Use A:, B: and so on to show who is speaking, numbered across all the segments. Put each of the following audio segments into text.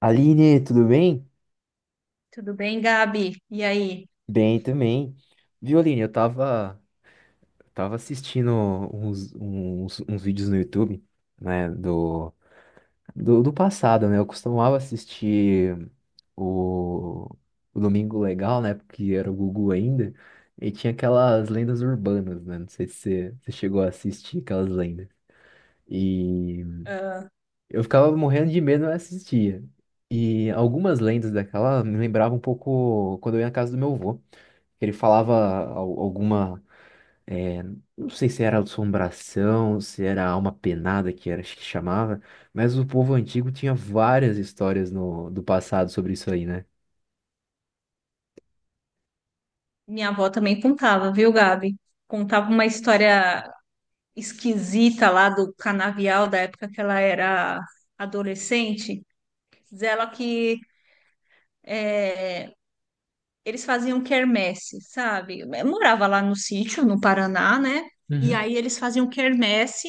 A: Aline, tudo bem?
B: Tudo bem, Gabi? E aí?
A: Bem também. Viu, Aline, eu tava assistindo uns vídeos no YouTube, né, do passado, né? Eu costumava assistir o, o Domingo Legal, né, porque era o Gugu ainda, e tinha aquelas lendas urbanas, né? Não sei se você chegou a assistir aquelas lendas. E
B: Ah,
A: eu ficava morrendo de medo, eu assistia. E algumas lendas daquela me lembravam um pouco quando eu ia na casa do meu avô. Ele falava alguma, é, não sei se era assombração, se era alma penada que era acho que chamava, mas o povo antigo tinha várias histórias no, do passado sobre isso aí, né?
B: minha avó também contava, viu, Gabi? Contava uma história esquisita lá do canavial da época que ela era adolescente. Diz ela que eh, eles faziam quermesse, sabe? Eu morava lá no sítio, no Paraná, né? E
A: Uhum,
B: aí eles faziam quermesse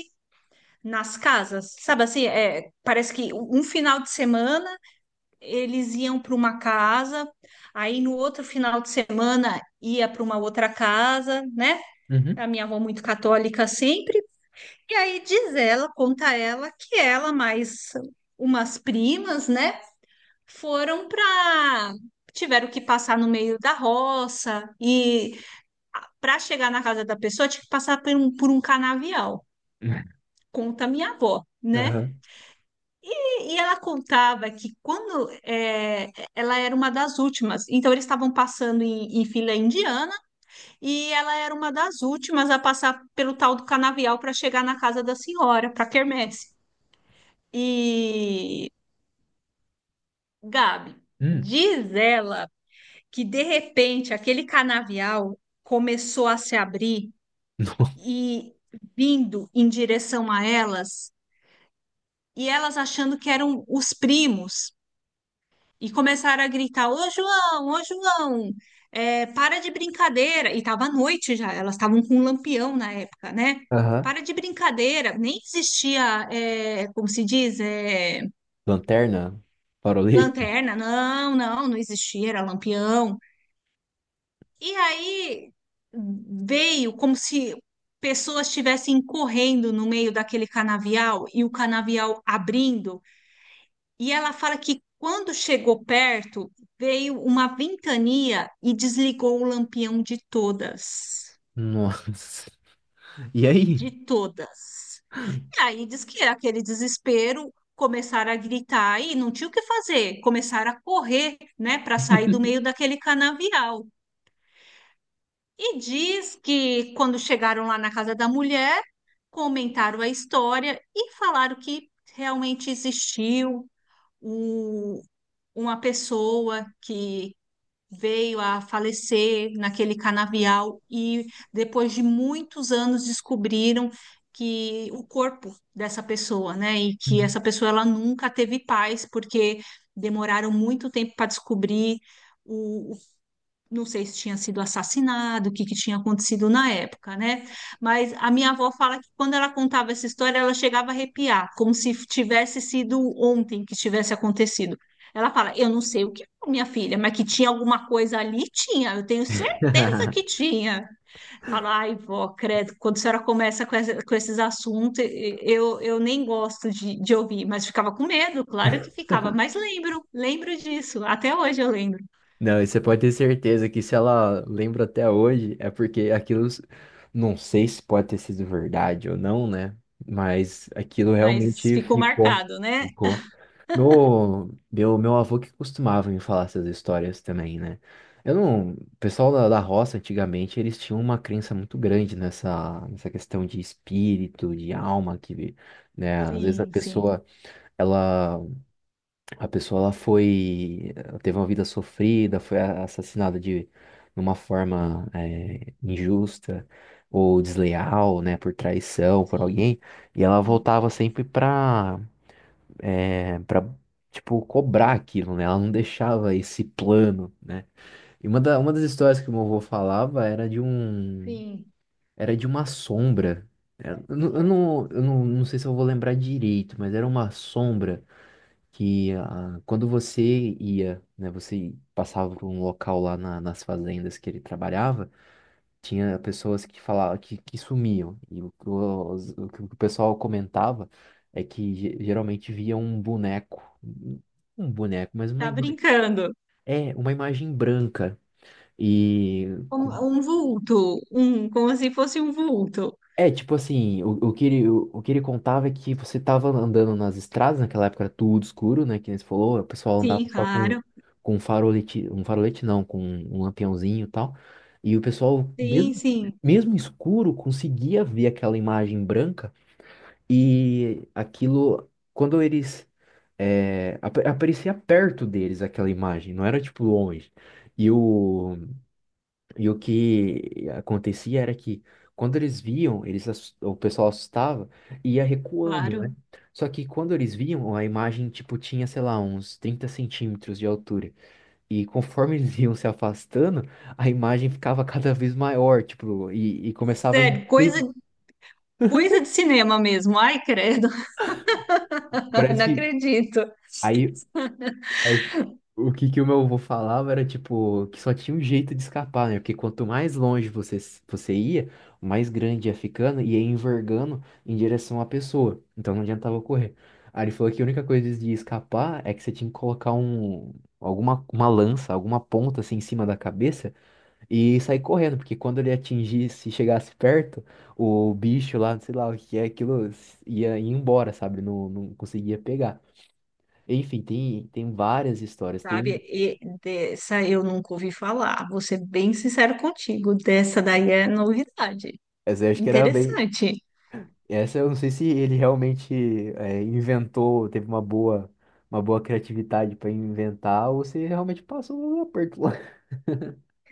B: nas casas, sabe assim? Parece que um final de semana. Eles iam para uma casa, aí no outro final de semana ia para uma outra casa, né?
A: uhum.
B: A minha avó muito católica sempre. E aí diz ela, conta ela, que ela mais umas primas, né, foram para tiveram que passar no meio da roça e para chegar na casa da pessoa tinha que passar por um canavial. Conta minha avó, né?
A: Aham.
B: E ela contava que quando ela era uma das últimas, então eles estavam passando em fila indiana e ela era uma das últimas a passar pelo tal do canavial para chegar na casa da senhora, para quermesse. E Gabi,
A: Hum.
B: diz ela que de repente aquele canavial começou a se abrir e vindo em direção a elas, e elas achando que eram os primos. E começaram a gritar: ô João, é, para de brincadeira. E estava à noite já, elas estavam com um lampião na época, né?
A: Aham.
B: Para de brincadeira, nem existia, é, como se diz, é,
A: Lanterna, farolete.
B: lanterna, não existia, era lampião. E aí veio como se pessoas estivessem correndo no meio daquele canavial e o canavial abrindo. E ela fala que quando chegou perto, veio uma ventania e desligou o lampião de todas.
A: Nossa. E aí?
B: De todas. E aí diz que aquele desespero começaram a gritar e não tinha o que fazer, começaram a correr, né, para sair do meio daquele canavial. E diz que quando chegaram lá na casa da mulher, comentaram a história e falaram que realmente existiu o- uma pessoa que veio a falecer naquele canavial e depois de muitos anos descobriram que o corpo dessa pessoa, né, e que
A: Uhum.
B: essa pessoa ela nunca teve paz porque demoraram muito tempo para descobrir o, não sei se tinha sido assassinado, o que, que tinha acontecido na época, né? Mas a minha avó fala que quando ela contava essa história, ela chegava a arrepiar, como se tivesse sido ontem que tivesse acontecido. Ela fala: Eu não sei o que foi, minha filha, mas que tinha alguma coisa ali, tinha, eu tenho certeza que tinha. Fala: Ai, vó, credo, quando a senhora começa com, essa- com esses assuntos, eu nem gosto de ouvir, mas ficava com medo, claro que ficava, mas lembro, lembro disso, até hoje eu lembro,
A: Não, e você pode ter certeza que se ela lembra até hoje, é porque aquilo, não sei se pode ter sido verdade ou não, né? Mas aquilo
B: mas
A: realmente
B: ficou
A: ficou,
B: marcado, né?
A: ficou. Meu avô que costumava me falar essas histórias também, né? Eu não, o pessoal da roça antigamente, eles tinham uma crença muito grande nessa, nessa questão de espírito, de alma, que, né, às vezes
B: Sim, sim,
A: ela a pessoa ela foi, ela teve uma vida sofrida, foi assassinada de uma forma injusta ou desleal, né, por traição, por
B: sim,
A: alguém, e ela
B: sim,
A: voltava sempre pra, pra, tipo, cobrar aquilo, né? Ela não deixava esse plano, né? E uma, da, uma das histórias que o meu avô falava era de um,
B: sim.
A: era de uma sombra. Eu, não, eu, não, eu não sei se eu vou lembrar direito, mas era uma sombra que ah, quando você ia, né, você passava por um local nas fazendas que ele trabalhava, tinha pessoas que falavam que sumiam. E o, que o que o pessoal comentava é que geralmente via um boneco, um boneco, mas uma,
B: Tá brincando.
A: é, uma imagem branca e
B: Um, um vulto, um, como se fosse um vulto.
A: É, tipo assim, o que ele contava é que você tava andando nas estradas, naquela época era tudo escuro, né? Que nem você falou, o pessoal andava
B: Sim,
A: só
B: claro.
A: com um farolete não, com um lampiãozinho e tal. E o pessoal, mesmo,
B: Sim, sim,
A: mesmo escuro, conseguia ver aquela imagem branca e aquilo, quando eles, é, aparecia perto deles aquela imagem, não era tipo longe. E o, e o que acontecia era que quando eles viam, eles, o pessoal assustava e ia recuando,
B: claro.
A: né? Só que quando eles viam, a imagem, tipo, tinha, sei lá, uns 30 centímetros de altura. E conforme eles iam se afastando, a imagem ficava cada vez maior, tipo, e começava a
B: Sério, coisa,
A: inclinar.
B: coisa de cinema mesmo. Ai, credo,
A: Parece
B: não
A: que...
B: acredito.
A: Aí o que que o meu avô falava era, tipo, que só tinha um jeito de escapar, né? Porque quanto mais longe você, você ia, mais grande ia ficando e ia envergando em direção à pessoa. Então não adiantava correr. Aí ele falou que a única coisa de escapar é que você tinha que colocar um, alguma, uma lança, alguma ponta assim em cima da cabeça e sair correndo, porque quando ele atingisse, chegasse perto, o bicho lá, sei lá o que é, aquilo ia, ia embora, sabe? Não, não conseguia pegar. Enfim, tem várias histórias. Tem
B: Sabe,
A: uma
B: e dessa eu nunca ouvi falar. Vou ser bem sincero contigo. Dessa daí é novidade.
A: Essa eu acho que era bem.
B: Interessante.
A: Essa eu não sei se ele realmente inventou, teve uma boa criatividade para inventar, ou se realmente passou um aperto lá.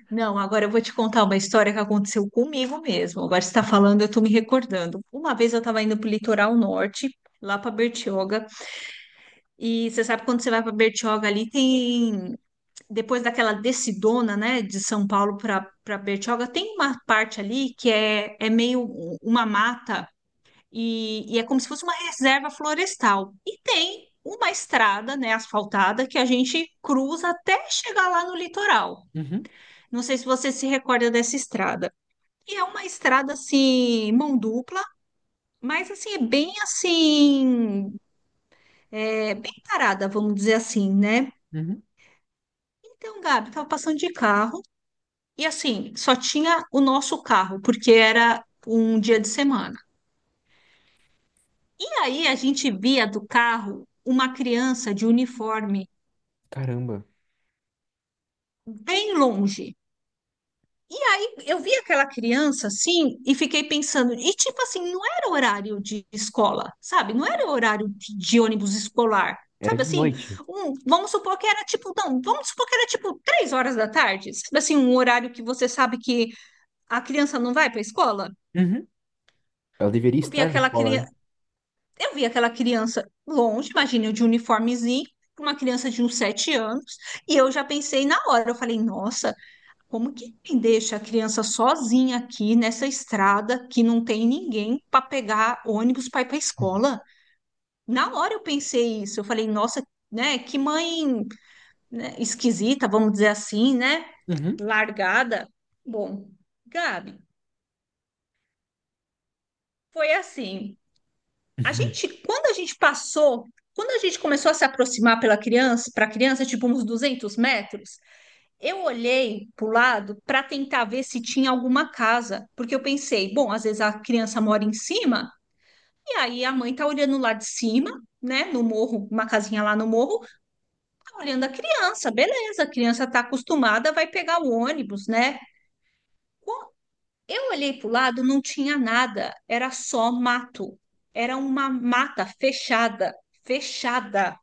B: Não, agora eu vou te contar uma história que aconteceu comigo mesmo. Agora você está falando, eu estou me recordando. Uma vez eu estava indo para o litoral norte, lá para Bertioga, e você sabe quando você vai para Bertioga ali, tem. Depois daquela descidona, né, de São Paulo para Bertioga, tem uma parte ali que é, é meio uma mata, e é como se fosse uma reserva florestal. E tem uma estrada, né, asfaltada, que a gente cruza até chegar lá no litoral.
A: Uhum,
B: Não sei se você se recorda dessa estrada. E é uma estrada assim, mão dupla, mas assim, é, bem parada, vamos dizer assim, né?
A: uhum.
B: Então, Gabi, tava passando de carro e assim, só tinha o nosso carro, porque era um dia de semana. E aí a gente via do carro uma criança de uniforme
A: Caramba,
B: bem longe. Eu vi aquela criança assim e fiquei pensando, e tipo assim, não era horário de escola, sabe? Não era horário de ônibus escolar,
A: era
B: sabe
A: de
B: assim?
A: noite.
B: Vamos supor que era tipo, não, vamos supor que era tipo 3 horas da tarde, sabe assim, um horário que você sabe que a criança não vai para a escola.
A: Uhum. Ela deveria
B: Eu vi
A: estar na
B: aquela
A: escola,
B: criança,
A: né?
B: eu vi aquela criança longe, imagina eu de uniformezinho, uma criança de uns 7 anos, e eu já pensei na hora, eu falei, nossa. Como que quem deixa a criança sozinha aqui nessa estrada que não tem ninguém para pegar ônibus para ir para a
A: Uhum.
B: escola? Na hora eu pensei isso, eu falei, nossa, né, que mãe, né, esquisita, vamos dizer assim, né, largada. Bom, Gabi, foi assim. A
A: Uhum.
B: gente, quando a gente passou, quando a gente começou a se aproximar pela criança, para a criança, tipo uns 200 metros, eu olhei para o lado para tentar ver se tinha alguma casa, porque eu pensei, bom, às vezes a criança mora em cima, e aí a mãe tá olhando lá de cima, né, no morro, uma casinha lá no morro, tá olhando a criança, beleza, a criança tá acostumada, vai pegar o ônibus, né? Bom, eu olhei para o lado, não tinha nada, era só mato, era uma mata fechada, fechada.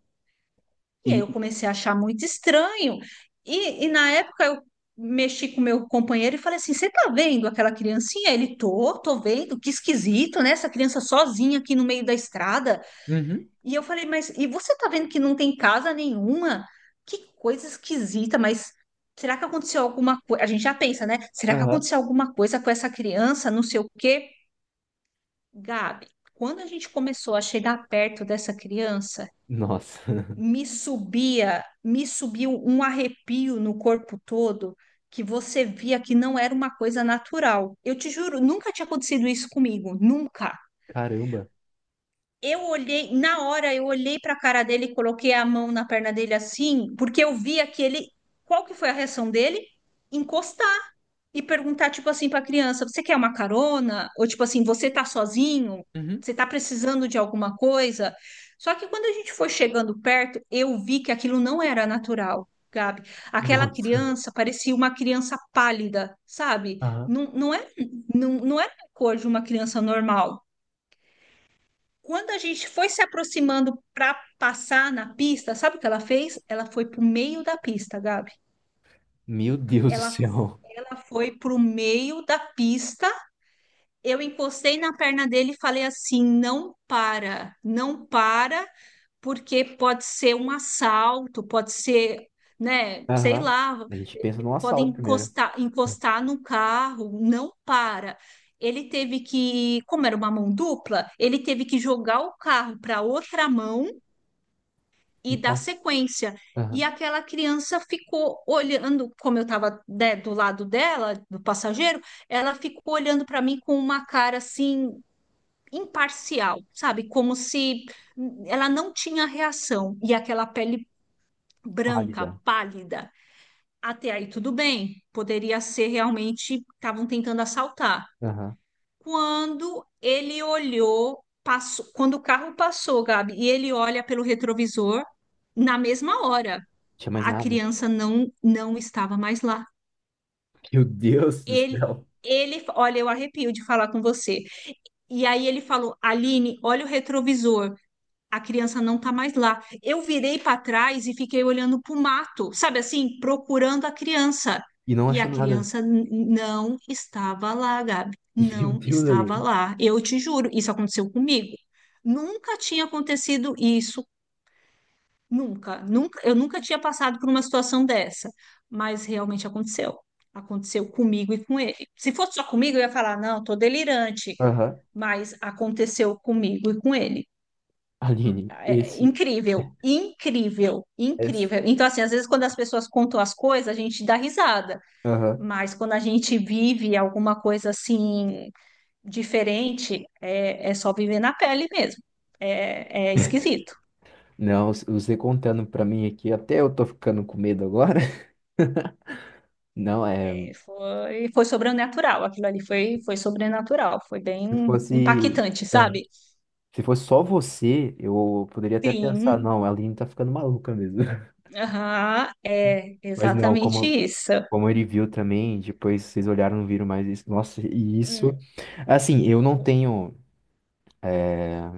B: E aí
A: E,
B: eu comecei a achar muito estranho. E na época eu mexi com meu companheiro e falei assim: você tá vendo aquela criancinha? Ele tô, tô vendo, que esquisito, né? Essa criança sozinha aqui no meio da estrada.
A: uhum,
B: E eu falei, mas e você tá vendo que não tem casa nenhuma? Que coisa esquisita, mas. Será que aconteceu alguma coisa? A gente já pensa, né? Será que
A: aham,
B: aconteceu alguma coisa com essa criança? Não sei o quê. Gabi, quando a gente começou a chegar perto dessa criança,
A: nossa,
B: me subia, me subiu um arrepio no corpo todo que você via que não era uma coisa natural. Eu te juro, nunca tinha acontecido isso comigo, nunca.
A: caramba,
B: Eu olhei, na hora eu olhei para a cara dele e coloquei a mão na perna dele assim, porque eu via que ele, qual que foi a reação dele? E perguntar, tipo assim, para a criança: você quer uma carona? Ou tipo assim, você tá sozinho?
A: uhum,
B: Você tá precisando de alguma coisa? Só que quando a gente foi chegando perto, eu vi que aquilo não era natural, Gabi. Aquela
A: nossa,
B: criança parecia uma criança pálida, sabe?
A: aham,
B: Não era a cor de uma criança normal. Quando a gente foi se aproximando para passar na pista, sabe o que ela fez? Ela foi para o meio da pista, Gabi.
A: meu Deus do
B: Ela,
A: céu.
B: ela foi para o meio da pista. Eu encostei na perna dele e falei assim: não para, não para, porque pode ser um assalto, pode ser, né, sei
A: Aham.
B: lá,
A: A gente pensa num
B: pode
A: assalto primeiro.
B: encostar, encostar no carro, não para. Ele teve que, como era uma mão dupla, ele teve que jogar o carro para outra mão e
A: E pá,
B: dar sequência.
A: aham,
B: E aquela criança ficou olhando, como eu estava, do lado dela, do passageiro, ela ficou olhando para mim com uma cara assim imparcial, sabe? Como se ela não tinha reação e aquela pele branca,
A: pálida.
B: pálida. Até aí tudo bem, poderia ser realmente estavam tentando assaltar.
A: Aham.
B: Quando ele olhou, passou, quando o carro passou, Gabi, e ele olha pelo retrovisor, na mesma hora,
A: Tinha mais
B: a
A: nada?
B: criança não estava mais lá.
A: Meu Deus do
B: Ele
A: céu.
B: ele, olha, eu arrepio de falar com você. E aí ele falou: Aline, olha o retrovisor. A criança não tá mais lá. Eu virei para trás e fiquei olhando para o mato, sabe assim, procurando a criança.
A: E não
B: E a
A: achou nada.
B: criança não estava lá, Gabi.
A: Meu
B: Não
A: Deus,
B: estava
A: Aline.
B: lá. Eu te juro, isso aconteceu comigo. Nunca tinha acontecido isso, nunca, nunca, eu nunca tinha passado por uma situação dessa, mas realmente aconteceu. Aconteceu comigo e com ele. Se fosse só comigo, eu ia falar, não, tô delirante,
A: Aham.
B: mas aconteceu comigo e com ele.
A: Aline,
B: É
A: esse,
B: incrível, incrível,
A: esse.
B: incrível. Então, assim, às vezes quando as pessoas contam as coisas, a gente dá risada,
A: Aham.
B: mas quando a gente vive alguma coisa assim diferente, é, é só viver na pele mesmo. É, é esquisito.
A: Não, você contando pra mim aqui, até eu tô ficando com medo agora. Não, é.
B: É, foi, foi sobrenatural, aquilo ali foi, foi sobrenatural, foi
A: Se
B: bem
A: fosse.
B: impactante,
A: Aham.
B: sabe?
A: Se fosse só você, eu poderia até pensar,
B: Sim,
A: não, a Aline tá ficando maluca mesmo.
B: aham, é
A: Mas não,
B: exatamente
A: como.
B: isso.
A: Como ele viu também, depois vocês olharam, não viram mais isso. Nossa, e
B: Hum,
A: isso. Assim, eu não
B: foi.
A: tenho. é,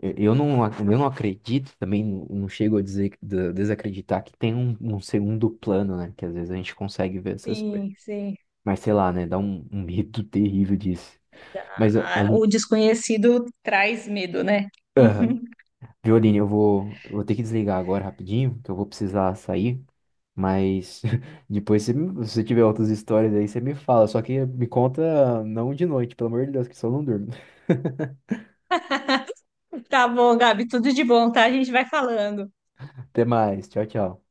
A: Eu eu não acredito, também não chego a dizer, desacreditar que tem um, um segundo plano, né? Que às vezes a gente consegue ver essas coisas.
B: Sim, sim.
A: Mas sei lá, né? Dá um, um medo terrível disso. Mas,
B: O
A: Aline,
B: desconhecido traz medo, né?
A: aham.
B: Uhum.
A: Viu, Aline, eu vou ter que desligar agora rapidinho, que eu vou precisar sair. Mas depois, se você tiver outras histórias aí, você me fala. Só que me conta não de noite, pelo amor de Deus, que só não durmo.
B: Tá bom, Gabi, tudo de bom, tá? A gente vai falando.
A: Até mais. Tchau, tchau.